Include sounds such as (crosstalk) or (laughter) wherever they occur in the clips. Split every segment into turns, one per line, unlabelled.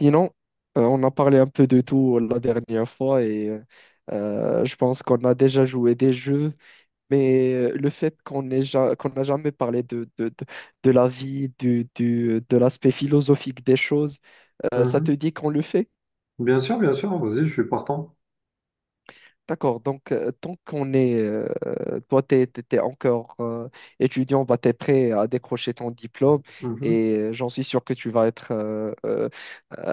Sinon, on a parlé un peu de tout la dernière fois et je pense qu'on a déjà joué des jeux, mais le fait qu'on n'a jamais parlé de la vie, de l'aspect philosophique des choses, ça te
Mhm.
dit qu'on le fait?
Bien sûr, vas-y, je suis partant.
D'accord, donc tant qu'on est, toi t'es encore étudiant, bah, t'es prêt à décrocher ton diplôme et j'en suis sûr que tu vas être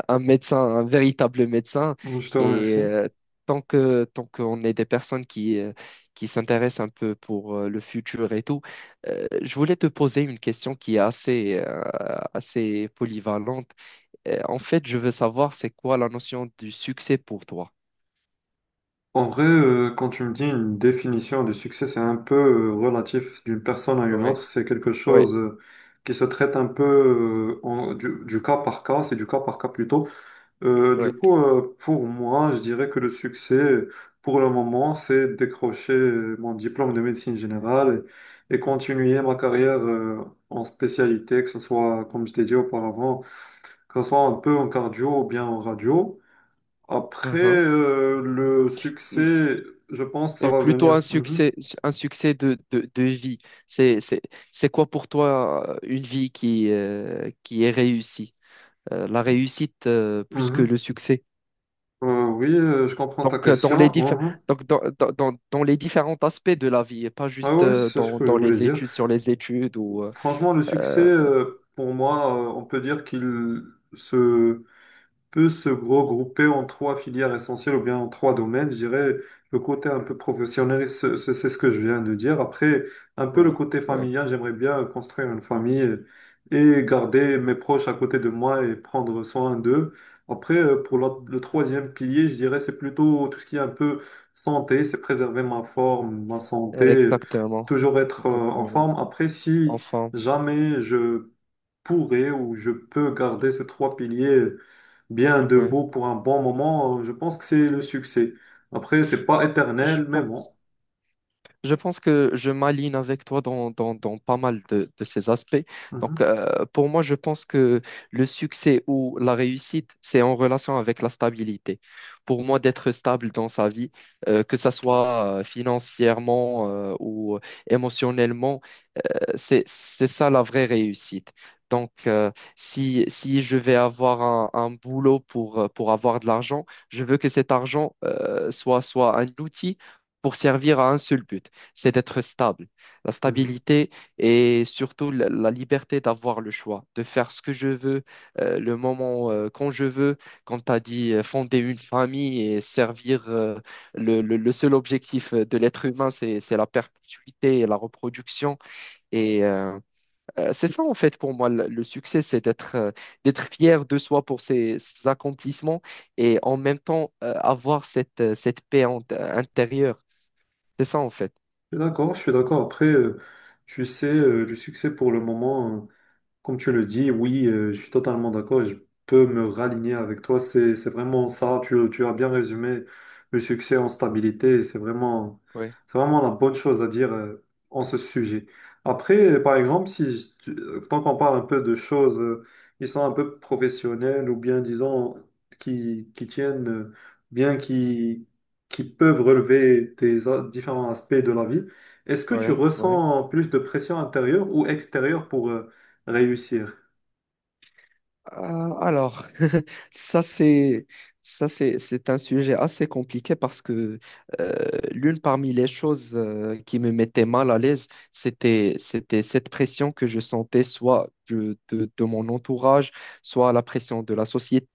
un médecin, un véritable médecin.
Mhm. Je te
Et
remercie.
tant qu'on est des personnes qui s'intéressent un peu pour le futur et tout, je voulais te poser une question qui est assez, assez polyvalente. En fait, je veux savoir c'est quoi la notion du succès pour toi?
En vrai, quand tu me dis une définition du succès, c'est un peu relatif d'une personne à une
Oui,
autre. C'est quelque
oui,
chose qui se traite un peu du cas par cas, c'est du cas par cas plutôt.
oui.
Pour moi, je dirais que le succès, pour le moment, c'est décrocher mon diplôme de médecine générale et continuer ma carrière en spécialité, que ce soit, comme je t'ai dit auparavant, que ce soit un peu en cardio ou bien en radio. Après, le
et
succès, je pense que ça
et
va
plutôt
venir. Mhm,
un succès de vie. C'est, c'est, c'est quoi pour toi une vie qui est réussie? La réussite plus que le
mhm.
succès.
Oui, je comprends ta
Donc,
question. Mhm.
donc dans les différents aspects de la vie, et pas
Ah
juste
ouais, c'est ce que je
dans
voulais
les
dire.
études, sur les études ou...
Franchement, le succès,
euh,
pour moi, on peut dire qu'il se peut se regrouper en trois filières essentielles ou bien en trois domaines. Je dirais le côté un peu professionnel, c'est ce que je viens de dire. Après, un peu le
ouais,
côté
ouais.
familial, j'aimerais bien construire une famille et garder mes proches à côté de moi et prendre soin d'eux. Après, le
Mm.
troisième pilier, je dirais c'est plutôt tout ce qui est un peu santé, c'est préserver ma forme, ma santé,
Exactement.
toujours être en
Exactement.
forme. Après, si
Enfin,
jamais je pourrais ou je peux garder ces trois piliers bien de
ouais.
beau pour un bon moment, je pense que c'est le succès. Après, c'est pas
Je
éternel, mais
pense
bon.
Je pense que je m'aligne avec toi dans pas mal de ces aspects. Donc,
Mhm,
pour moi, je pense que le succès ou la réussite, c'est en relation avec la stabilité. Pour moi, d'être stable dans sa vie, que ça soit financièrement ou émotionnellement, c'est ça la vraie réussite. Donc, si, si je vais avoir un boulot pour avoir de l'argent, je veux que cet argent soit un outil pour servir à un seul but, c'est d'être stable. La
mhm.
stabilité et surtout la, la liberté d'avoir le choix, de faire ce que je veux, le moment quand je veux, quand tu as dit, fonder une famille et servir le seul objectif de l'être humain, c'est la perpétuité et la reproduction. Et c'est ça en fait pour moi le succès, c'est d'être d'être fier de soi pour ses, ses accomplissements et en même temps avoir cette, intérieure. C'est ça en fait.
Je suis d'accord, je suis d'accord. Après, tu sais, le succès pour le moment. Comme tu le dis, oui, je suis totalement d'accord et je peux me raligner avec toi. C'est vraiment ça. Tu as bien résumé le succès en stabilité
Oui,
c'est vraiment la bonne chose à dire en ce sujet. Après, par exemple, si je- tu- tant qu'on parle un peu de choses qui sont un peu professionnelles ou bien, disons, qui tiennent, bien qui, qui peuvent relever des différents aspects de la vie, est-ce que tu
oui, oui.
ressens plus de pression intérieure ou extérieure pour réussir?
Alors, (laughs) ça c'est ça c'est un sujet assez compliqué parce que l'une parmi les choses qui me mettait mal à l'aise, c'était cette pression que je sentais soit de mon entourage, soit la pression de la société.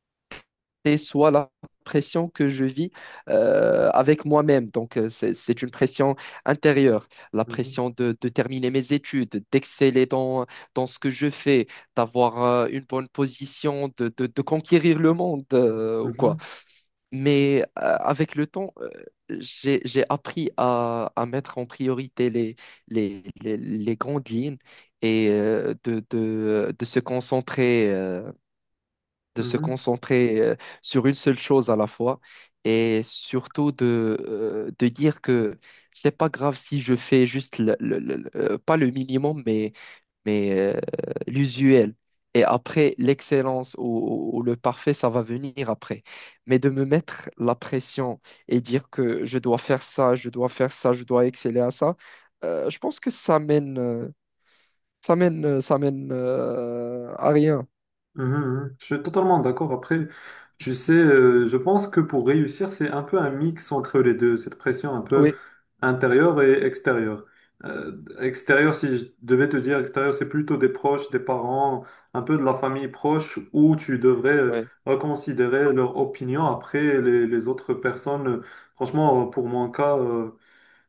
C'est soit la pression que je vis avec moi-même. Donc, c'est une pression intérieure, la
Mhm,
pression de terminer mes études, d'exceller dans ce que je fais, d'avoir une bonne position, de conquérir le monde ou
mhm,
quoi. Mais avec le temps, j'ai appris à mettre en priorité les grandes lignes et de se concentrer. De se
mhm,
concentrer sur une seule chose à la fois et surtout de dire que c'est pas grave si je fais juste pas le minimum mais, mais l'usuel. Et après, l'excellence ou le parfait, ça va venir après. Mais de me mettre la pression et dire que je dois faire ça, je dois faire ça, je dois exceller à ça, je pense que ça mène à rien.
mhm, mhm. Je suis totalement d'accord. Après, tu sais, je pense que pour réussir, c'est un peu un mix entre les deux, cette pression un peu
Oui.
intérieure et extérieure. Extérieure, si je devais te dire, extérieure, c'est plutôt des proches, des parents, un peu de la famille proche, où tu devrais
Oui.
reconsidérer leur opinion. Après, les autres personnes, franchement, pour mon cas,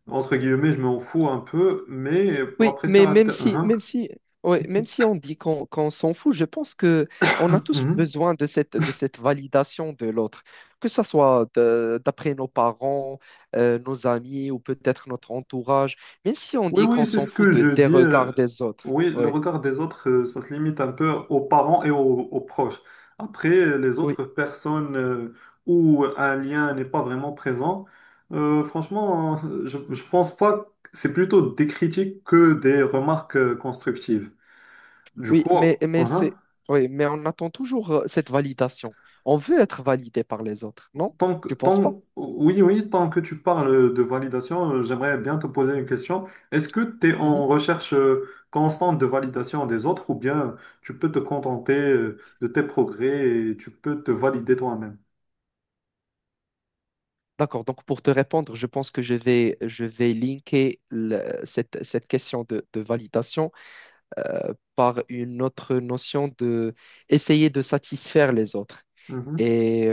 entre guillemets, je m'en fous un peu, mais pour la
Oui,
pression
mais
intérieure...
même si, ouais, même si on dit qu'on s'en fout, je pense que on a tous besoin de cette validation de l'autre, que ce soit d'après nos parents, nos amis ou peut-être notre entourage, même si on
Oui,
dit
oui,
qu'on
c'est
s'en
ce
fout
que
de,
je
des
dis.
regards des autres.
Oui, le
Oui,
regard des autres, ça se limite un peu aux parents et aux, aux proches. Après, les
oui,
autres personnes où un lien n'est pas vraiment présent, je pense pas que c'est plutôt des critiques que des remarques constructives. Du
oui,
coup, hein.
oui, mais on attend toujours cette validation. On veut être validé par les autres, non? Tu penses pas?
Oui, oui, tant que tu parles de validation, j'aimerais bien te poser une question. Est-ce que tu es en recherche constante de validation des autres ou bien tu peux te contenter de tes progrès et tu peux te valider toi-même?
D'accord, donc pour te répondre, je pense que je vais linker cette, cette question de validation par une autre notion de essayer de satisfaire les autres.
Mhm,
Et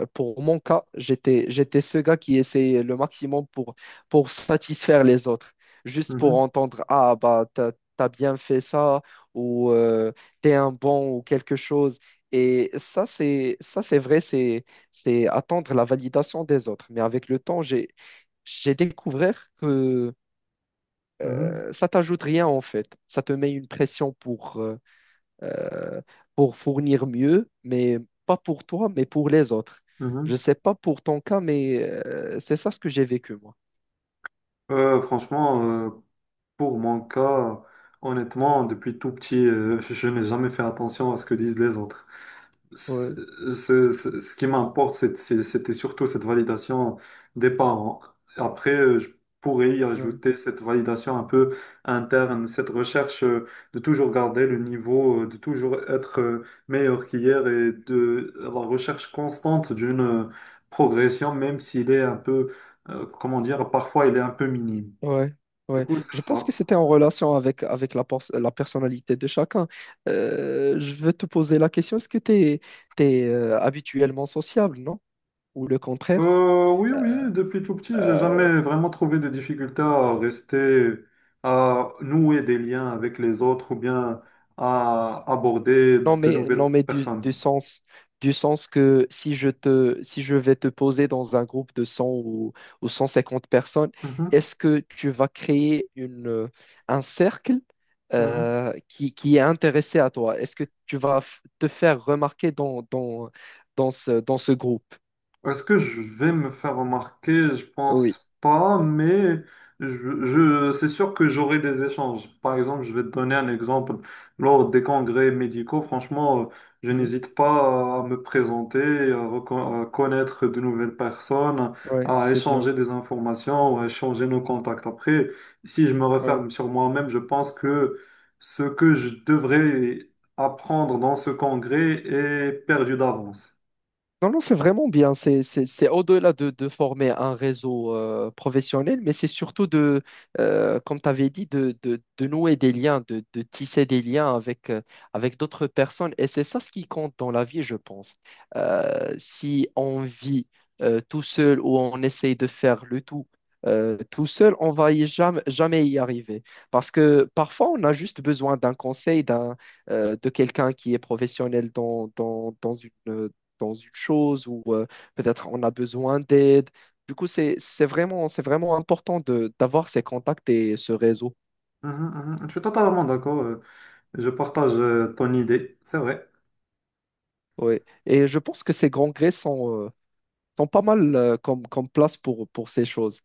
pour mon cas, j'étais ce gars qui essayait le maximum pour satisfaire les autres, juste pour
mhm,
entendre, ah, bah, t'as bien fait ça, ou t'es un bon, ou quelque chose. Et ça, c'est vrai, c'est attendre la validation des autres. Mais avec le temps, j'ai découvert que
mhm,
ça t'ajoute rien, en fait. Ça te met une pression euh, pour fournir mieux, mais pas pour toi, mais pour les autres. Je
mhm.
sais pas pour ton cas, mais c'est ça ce que j'ai vécu, moi.
Euh, franchement, euh, Pour mon cas, honnêtement, depuis tout petit, je n'ai jamais fait attention à ce que disent les autres. Ce,
Ouais,
Ce qui m'importe, c'était surtout cette validation des parents. Après, je pourrais y
ouais,
ajouter cette validation un peu interne, cette recherche de toujours garder le niveau, de toujours être meilleur qu'hier et de la recherche constante d'une progression, même s'il est un peu, comment dire, parfois il est un peu minime.
ouais,
Du
ouais.
coup, c'est
Je pense
ça.
que c'était en relation avec, avec la personnalité de chacun. Je veux te poser la question, est-ce que tu es, habituellement sociable, non? Ou le contraire?
Oui, oui, depuis tout petit, j'ai
Euh,
jamais vraiment trouvé de difficulté à rester, à nouer des liens avec les autres ou bien à aborder de
Non
nouvelles
mais
personnes.
du sens que si je te si je vais te poser dans un groupe de 100 ou 150 personnes,
Mhm,
est-ce que tu vas créer une un cercle
mhm.
qui est intéressé à toi? Est-ce que tu vas te faire remarquer dans ce groupe?
Est-ce que je vais me faire remarquer? Je
Oui.
pense pas, mais je, c'est sûr que j'aurai des échanges. Par exemple, je vais te donner un exemple. Lors des congrès médicaux, franchement, je
Hmm.
n'hésite pas à me présenter, à, à connaître de nouvelles personnes,
Ouais,
à
c'est bien.
échanger des informations, à échanger nos contacts. Après, si je me
Ouais.
referme sur moi-même, je pense que ce que je devrais apprendre dans ce congrès est perdu d'avance.
Non, non, c'est vraiment bien. C'est au-delà de former un réseau professionnel, mais c'est surtout de, comme tu avais dit, de nouer des liens, de tisser des liens avec, avec d'autres personnes. Et c'est ça ce qui compte dans la vie, je pense. Si on vit tout seul ou on essaye de faire le tout tout seul, on va y jamais, jamais y arriver. Parce que parfois, on a juste besoin d'un conseil, d'un, de quelqu'un qui est professionnel dans une chose ou peut-être on a besoin d'aide. Du coup, c'est vraiment important de, d'avoir ces contacts et ce réseau.
Mhm, mhm. Je suis totalement d'accord. Je partage ton idée. C'est vrai.
Ouais. Et je pense que ces grands grés sont, sont pas mal comme place pour ces choses.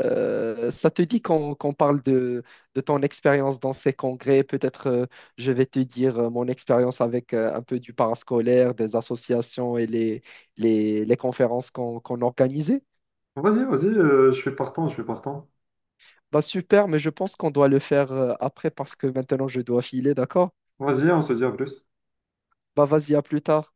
Ça te dit qu'on parle de ton expérience dans ces congrès. Peut-être je vais te dire mon expérience avec un peu du parascolaire, des associations et les conférences qu'on organisait.
Vas-y, vas-y, je suis partant, je suis partant.
Bah super, mais je pense qu'on doit le faire après parce que maintenant je dois filer, d'accord?
Vas-y, on se dit à plus.
Bah vas-y, à plus tard.